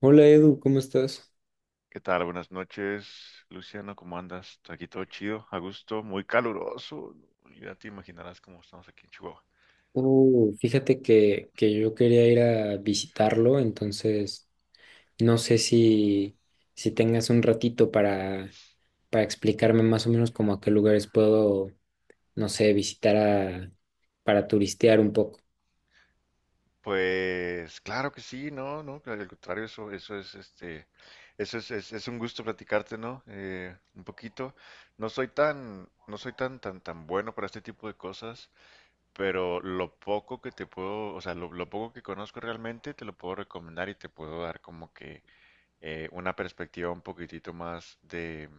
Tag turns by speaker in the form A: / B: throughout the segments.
A: Hola Edu, ¿cómo estás?
B: ¿Qué tal? Buenas noches, Luciano. ¿Cómo andas? Aquí todo chido, a gusto, muy caluroso, ¿no? Ya te imaginarás cómo estamos aquí en Chihuahua.
A: Fíjate que yo quería ir a visitarlo, entonces no sé si, si tengas un ratito para explicarme más o menos como a qué lugares puedo, no sé, para turistear un poco.
B: Pues claro que sí, no, no, claro, al contrario, eso es, es un gusto platicarte, ¿no? Un poquito. No soy tan bueno para este tipo de cosas, pero lo poco que te puedo, o sea, lo poco que conozco realmente te lo puedo recomendar y te puedo dar como que una perspectiva un poquitito más de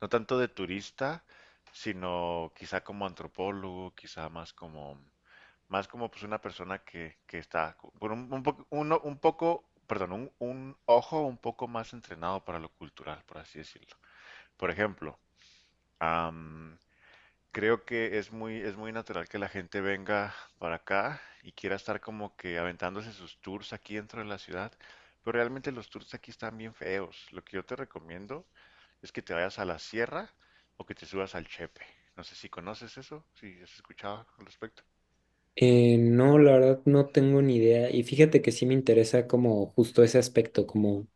B: no tanto de turista, sino quizá como antropólogo, más como pues una persona que está con un poco, uno- un poco, perdón, un ojo un poco más entrenado para lo cultural, por así decirlo. Por ejemplo, creo que es muy natural que la gente venga para acá y quiera estar como que aventándose sus tours aquí dentro de la ciudad, pero realmente los tours aquí están bien feos. Lo que yo te recomiendo es que te vayas a la sierra o que te subas al Chepe. No sé si conoces eso, si has escuchado al respecto.
A: No, la verdad no tengo ni idea y fíjate que sí me interesa como justo ese aspecto, como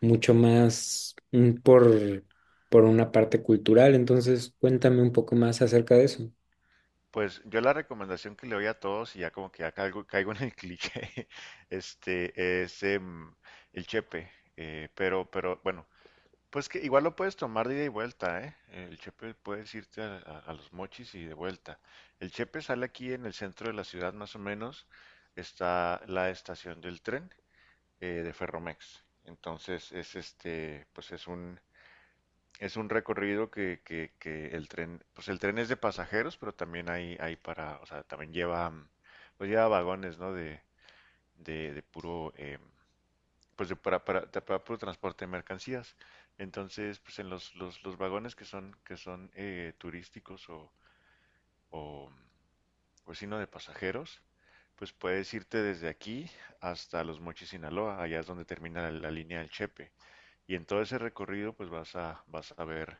A: mucho más por una parte cultural, entonces cuéntame un poco más acerca de eso.
B: Pues yo la recomendación que le doy a todos, y ya como que ya caigo en el cliché, este, es em, el Chepe. Pero bueno, pues que igual lo puedes tomar de ida y vuelta, ¿eh? El Chepe puedes irte a los Mochis y de vuelta. El Chepe sale aquí en el centro de la ciudad, más o menos. Está la estación del tren de Ferromex. Entonces es este, pues es un recorrido que el tren, pues el tren es de pasajeros, pero también hay para, o sea, también lleva, pues lleva vagones, ¿no? De puro pues para puro transporte de mercancías. Entonces, pues en los vagones que son turísticos o, o sino de pasajeros, pues puedes irte desde aquí hasta Los Mochis, Sinaloa, allá es donde termina la línea del Chepe. Y en todo ese recorrido, pues vas a ver,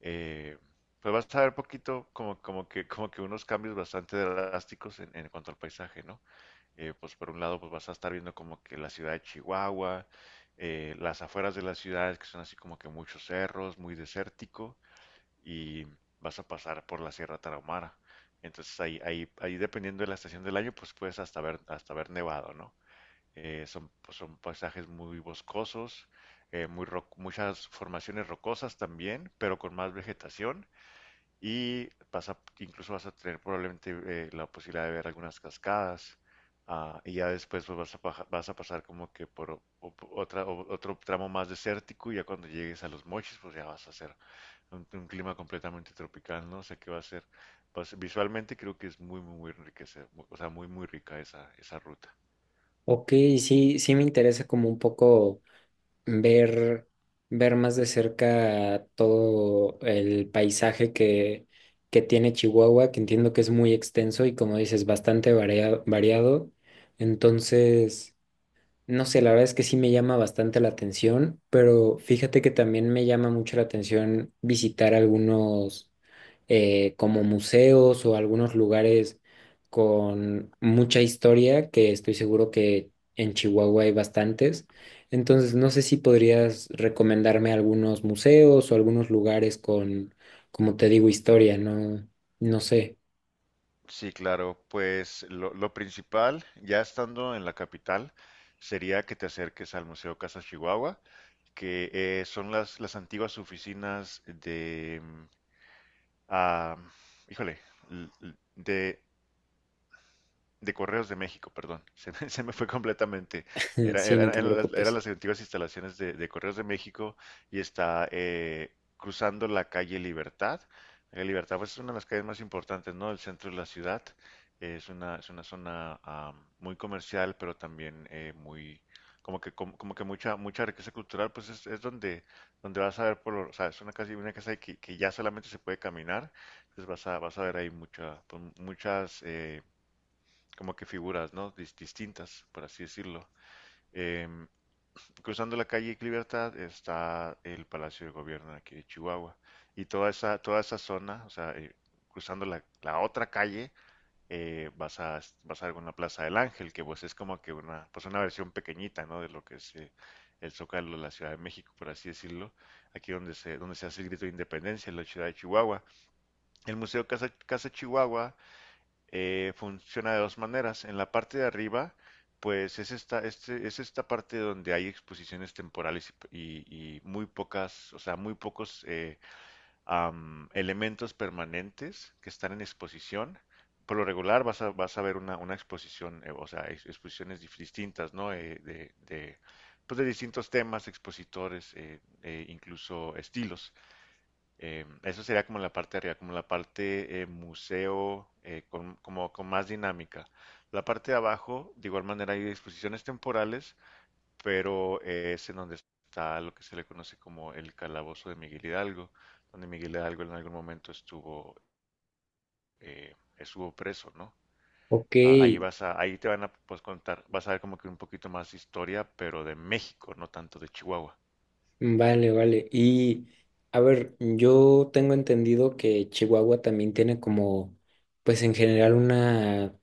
B: eh, pues vas a ver poquito como que unos cambios bastante drásticos en cuanto al paisaje, ¿no? Pues por un lado pues vas a estar viendo como que la ciudad de Chihuahua, las afueras de las ciudades que son así como que muchos cerros, muy desértico y vas a pasar por la Sierra Tarahumara. Entonces ahí dependiendo de la estación del año pues puedes hasta ver nevado, ¿no? Son, pues, son paisajes muy boscosos, muchas formaciones rocosas también, pero con más vegetación y incluso vas a tener probablemente la posibilidad de ver algunas cascadas. Y ya después pues, vas a pasar como que por otro tramo más desértico y ya cuando llegues a los Mochis pues ya vas a hacer un clima completamente tropical, ¿no? O sea que va a ser, pues, visualmente creo que es muy enriquecedor, o sea, muy rica esa ruta.
A: Ok, sí, sí me interesa como un poco ver, ver más de cerca todo el paisaje que tiene Chihuahua, que entiendo que es muy extenso y como dices, bastante variado. Entonces, no sé, la verdad es que sí me llama bastante la atención, pero fíjate que también me llama mucho la atención visitar algunos como museos o algunos lugares con mucha historia, que estoy seguro que en Chihuahua hay bastantes. Entonces, no sé si podrías recomendarme algunos museos o algunos lugares con, como te digo, historia, no, no sé.
B: Sí, claro, pues lo principal, ya estando en la capital, sería que te acerques al Museo Casa Chihuahua, que son las antiguas oficinas de, ah, híjole, l- l- de de Correos de México, perdón, se me fue completamente.
A: Sí, no te
B: Eran
A: preocupes.
B: las antiguas instalaciones de Correos de México y está cruzando la calle Libertad. La calle Libertad pues, es una de las calles más importantes, ¿no? El centro de la ciudad. Es una zona muy comercial, pero también muy, como que, como que mucha riqueza cultural, pues es donde, donde vas a ver, o sea, es una casa que ya solamente se puede caminar, entonces vas a ver ahí mucha, pues, muchas como que figuras, ¿no? Distintas, por así decirlo. Em, Cruzando la calle Libertad está el Palacio de Gobierno de aquí de Chihuahua. Y toda esa zona, o sea, cruzando la otra calle, vas a alguna Plaza del Ángel, que pues es como que una, pues una versión pequeñita, ¿no? De lo que es el Zócalo de la Ciudad de México, por así decirlo. Aquí donde donde se hace el grito de independencia en la ciudad de Chihuahua. El Museo Casa Chihuahua funciona de dos maneras. En la parte de arriba, pues es esta parte donde hay exposiciones temporales y muy pocas, o sea, muy pocos elementos permanentes que están en exposición. Por lo regular vas a ver una exposición, o sea, exposiciones distintas, ¿no? De, pues de distintos temas, expositores, incluso estilos. Eso sería como la parte de arriba, como la parte museo, como con más dinámica. La parte de abajo, de igual manera, hay exposiciones temporales, pero es en donde está lo que se le conoce como el calabozo de Miguel Hidalgo, donde Miguel Hidalgo en algún momento estuvo, estuvo preso, ¿no?
A: Ok,
B: Ahí te van a pues, contar, vas a ver como que un poquito más historia, pero de México, no tanto de Chihuahua.
A: vale, vale. Y a ver, yo tengo entendido que Chihuahua también tiene como, pues en general una,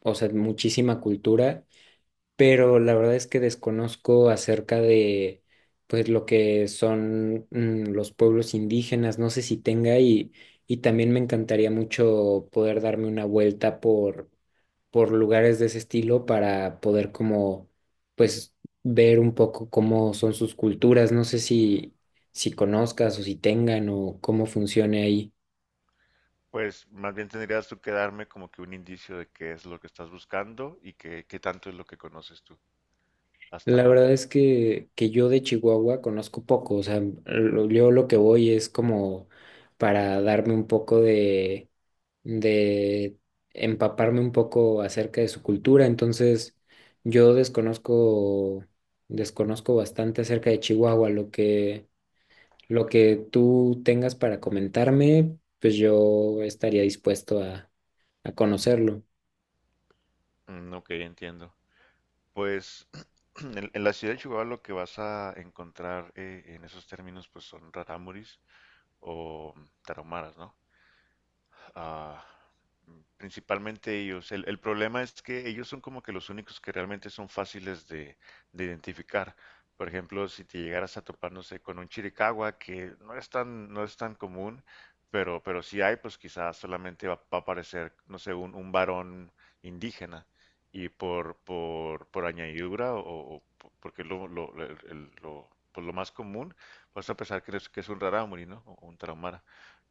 A: o sea, muchísima cultura. Pero la verdad es que desconozco acerca de pues lo que son los pueblos indígenas, no sé si tenga y también me encantaría mucho poder darme una vuelta por lugares de ese estilo para poder como pues ver un poco cómo son sus culturas, no sé si, si conozcas o si tengan o cómo funcione ahí.
B: Pues más bien tendrías tú que darme como que un indicio de qué es lo que estás buscando y qué tanto es lo que conoces tú hasta
A: La
B: ahora.
A: verdad es que, yo de Chihuahua conozco poco, o sea, yo lo que voy es como para darme un poco de empaparme un poco acerca de su cultura, entonces yo desconozco, desconozco bastante acerca de Chihuahua, lo que tú tengas para comentarme, pues yo estaría dispuesto a conocerlo.
B: Mm, ok, entiendo. Pues en la ciudad de Chihuahua lo que vas a encontrar en esos términos pues son rarámuris o tarahumaras, ¿no? ah, Principalmente ellos. El problema es que ellos son como que los únicos que realmente son fáciles de identificar. Por ejemplo, si te llegaras a topar, no sé, con un chiricahua, que no es tan, no es tan común, pero si hay, pues quizás solamente va a aparecer, no sé, un varón indígena. Y por añadidura, porque lo, el- lo- pues lo más común, vas a pensar que es un rarámuri, ¿no? O un traumara,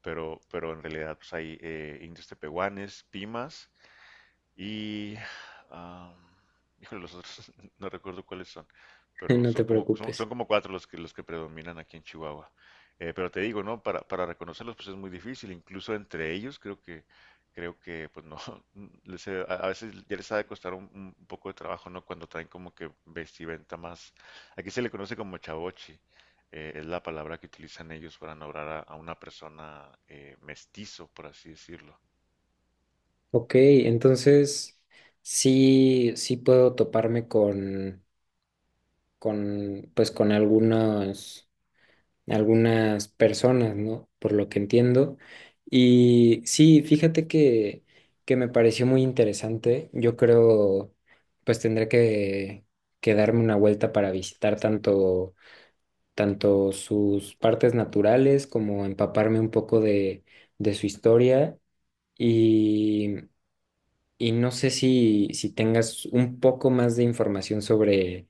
B: pero en realidad pues, hay indios tepehuanes, pimas, y, ah, híjole, los otros no recuerdo cuáles son, pero
A: No te
B: son como,
A: preocupes.
B: son como cuatro los que predominan aquí en Chihuahua. Pero te digo, ¿no? Para reconocerlos pues es muy difícil, incluso entre ellos creo que pues no, a veces ya les ha de costar un poco de trabajo, ¿no? Cuando traen como que vestimenta más, aquí se le conoce como chavochi, es la palabra que utilizan ellos para nombrar a una persona mestizo, por así decirlo.
A: Ok, entonces sí, sí puedo toparme con, pues con algunos, algunas personas, ¿no? Por lo que entiendo. Y sí, fíjate que me pareció muy interesante. Yo creo, pues tendré que darme una vuelta para visitar tanto, tanto sus partes naturales como empaparme un poco de su historia. Y no sé si, si tengas un poco más de información sobre,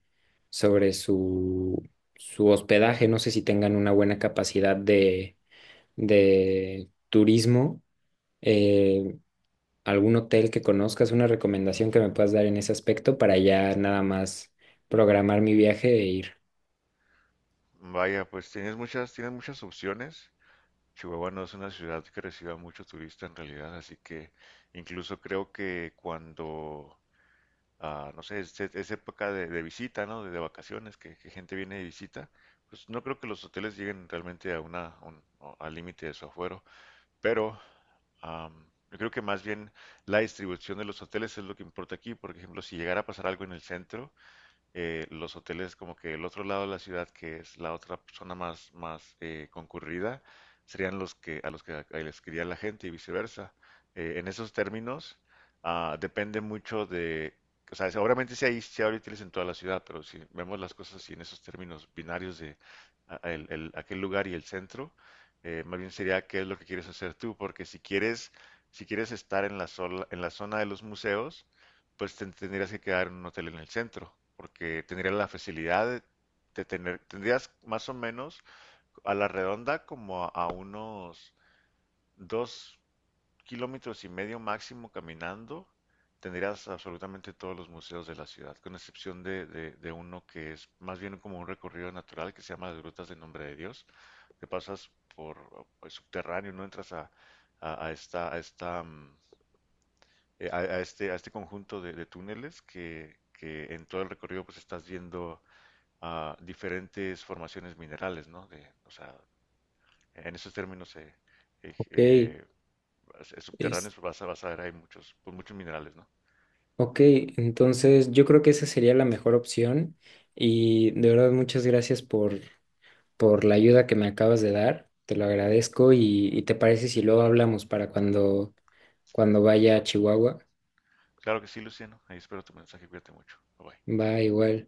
A: sobre su, su hospedaje. No sé si tengan una buena capacidad de turismo. Eh, algún hotel que conozcas, una recomendación que me puedas dar en ese aspecto para ya nada más programar mi viaje e ir.
B: Vaya, pues tienes muchas opciones. Chihuahua no es una ciudad que reciba mucho turista en realidad, así que incluso creo que cuando, no sé, es época de visita, ¿no? De vacaciones, que gente viene de visita, pues no creo que los hoteles lleguen realmente a una, a un- al límite de su afuero, pero am, yo creo que más bien la distribución de los hoteles es lo que importa aquí. Por ejemplo, si llegara a pasar algo en el centro, los hoteles como que el otro lado de la ciudad, que es la otra zona más concurrida, serían los que les quería la gente y viceversa. En esos términos, depende mucho de, o sea, seguramente si hay, si hay hoteles en toda la ciudad, pero si vemos las cosas así en esos términos binarios de aquel lugar y el centro, más bien sería qué es lo que quieres hacer tú, porque si quieres, si quieres estar en en la zona de los museos, pues te tendrías que quedar en un hotel en el centro, porque tendrías la facilidad de tendrías más o menos a la redonda como a unos 2,5 kilómetros máximo caminando, tendrías absolutamente todos los museos de la ciudad, con excepción de, de uno que es más bien como un recorrido natural que se llama las Grutas del Nombre de Dios, te pasas por el subterráneo, no entras a esta, a este conjunto de túneles que en todo el recorrido pues estás viendo diferentes formaciones minerales, ¿no? De, o sea, en esos términos eh,
A: Ok,
B: eh,
A: es,
B: subterráneos pues, vas a ver hay muchos, pues, muchos minerales, ¿no?
A: ok, entonces yo creo que esa sería la mejor opción. Y de verdad, muchas gracias por la ayuda que me acabas de dar. Te lo agradezco y te parece si luego hablamos para cuando, cuando vaya a Chihuahua.
B: Claro que sí, Luciano. Ahí espero tu mensaje. Cuídate mucho. Bye bye.
A: Va igual.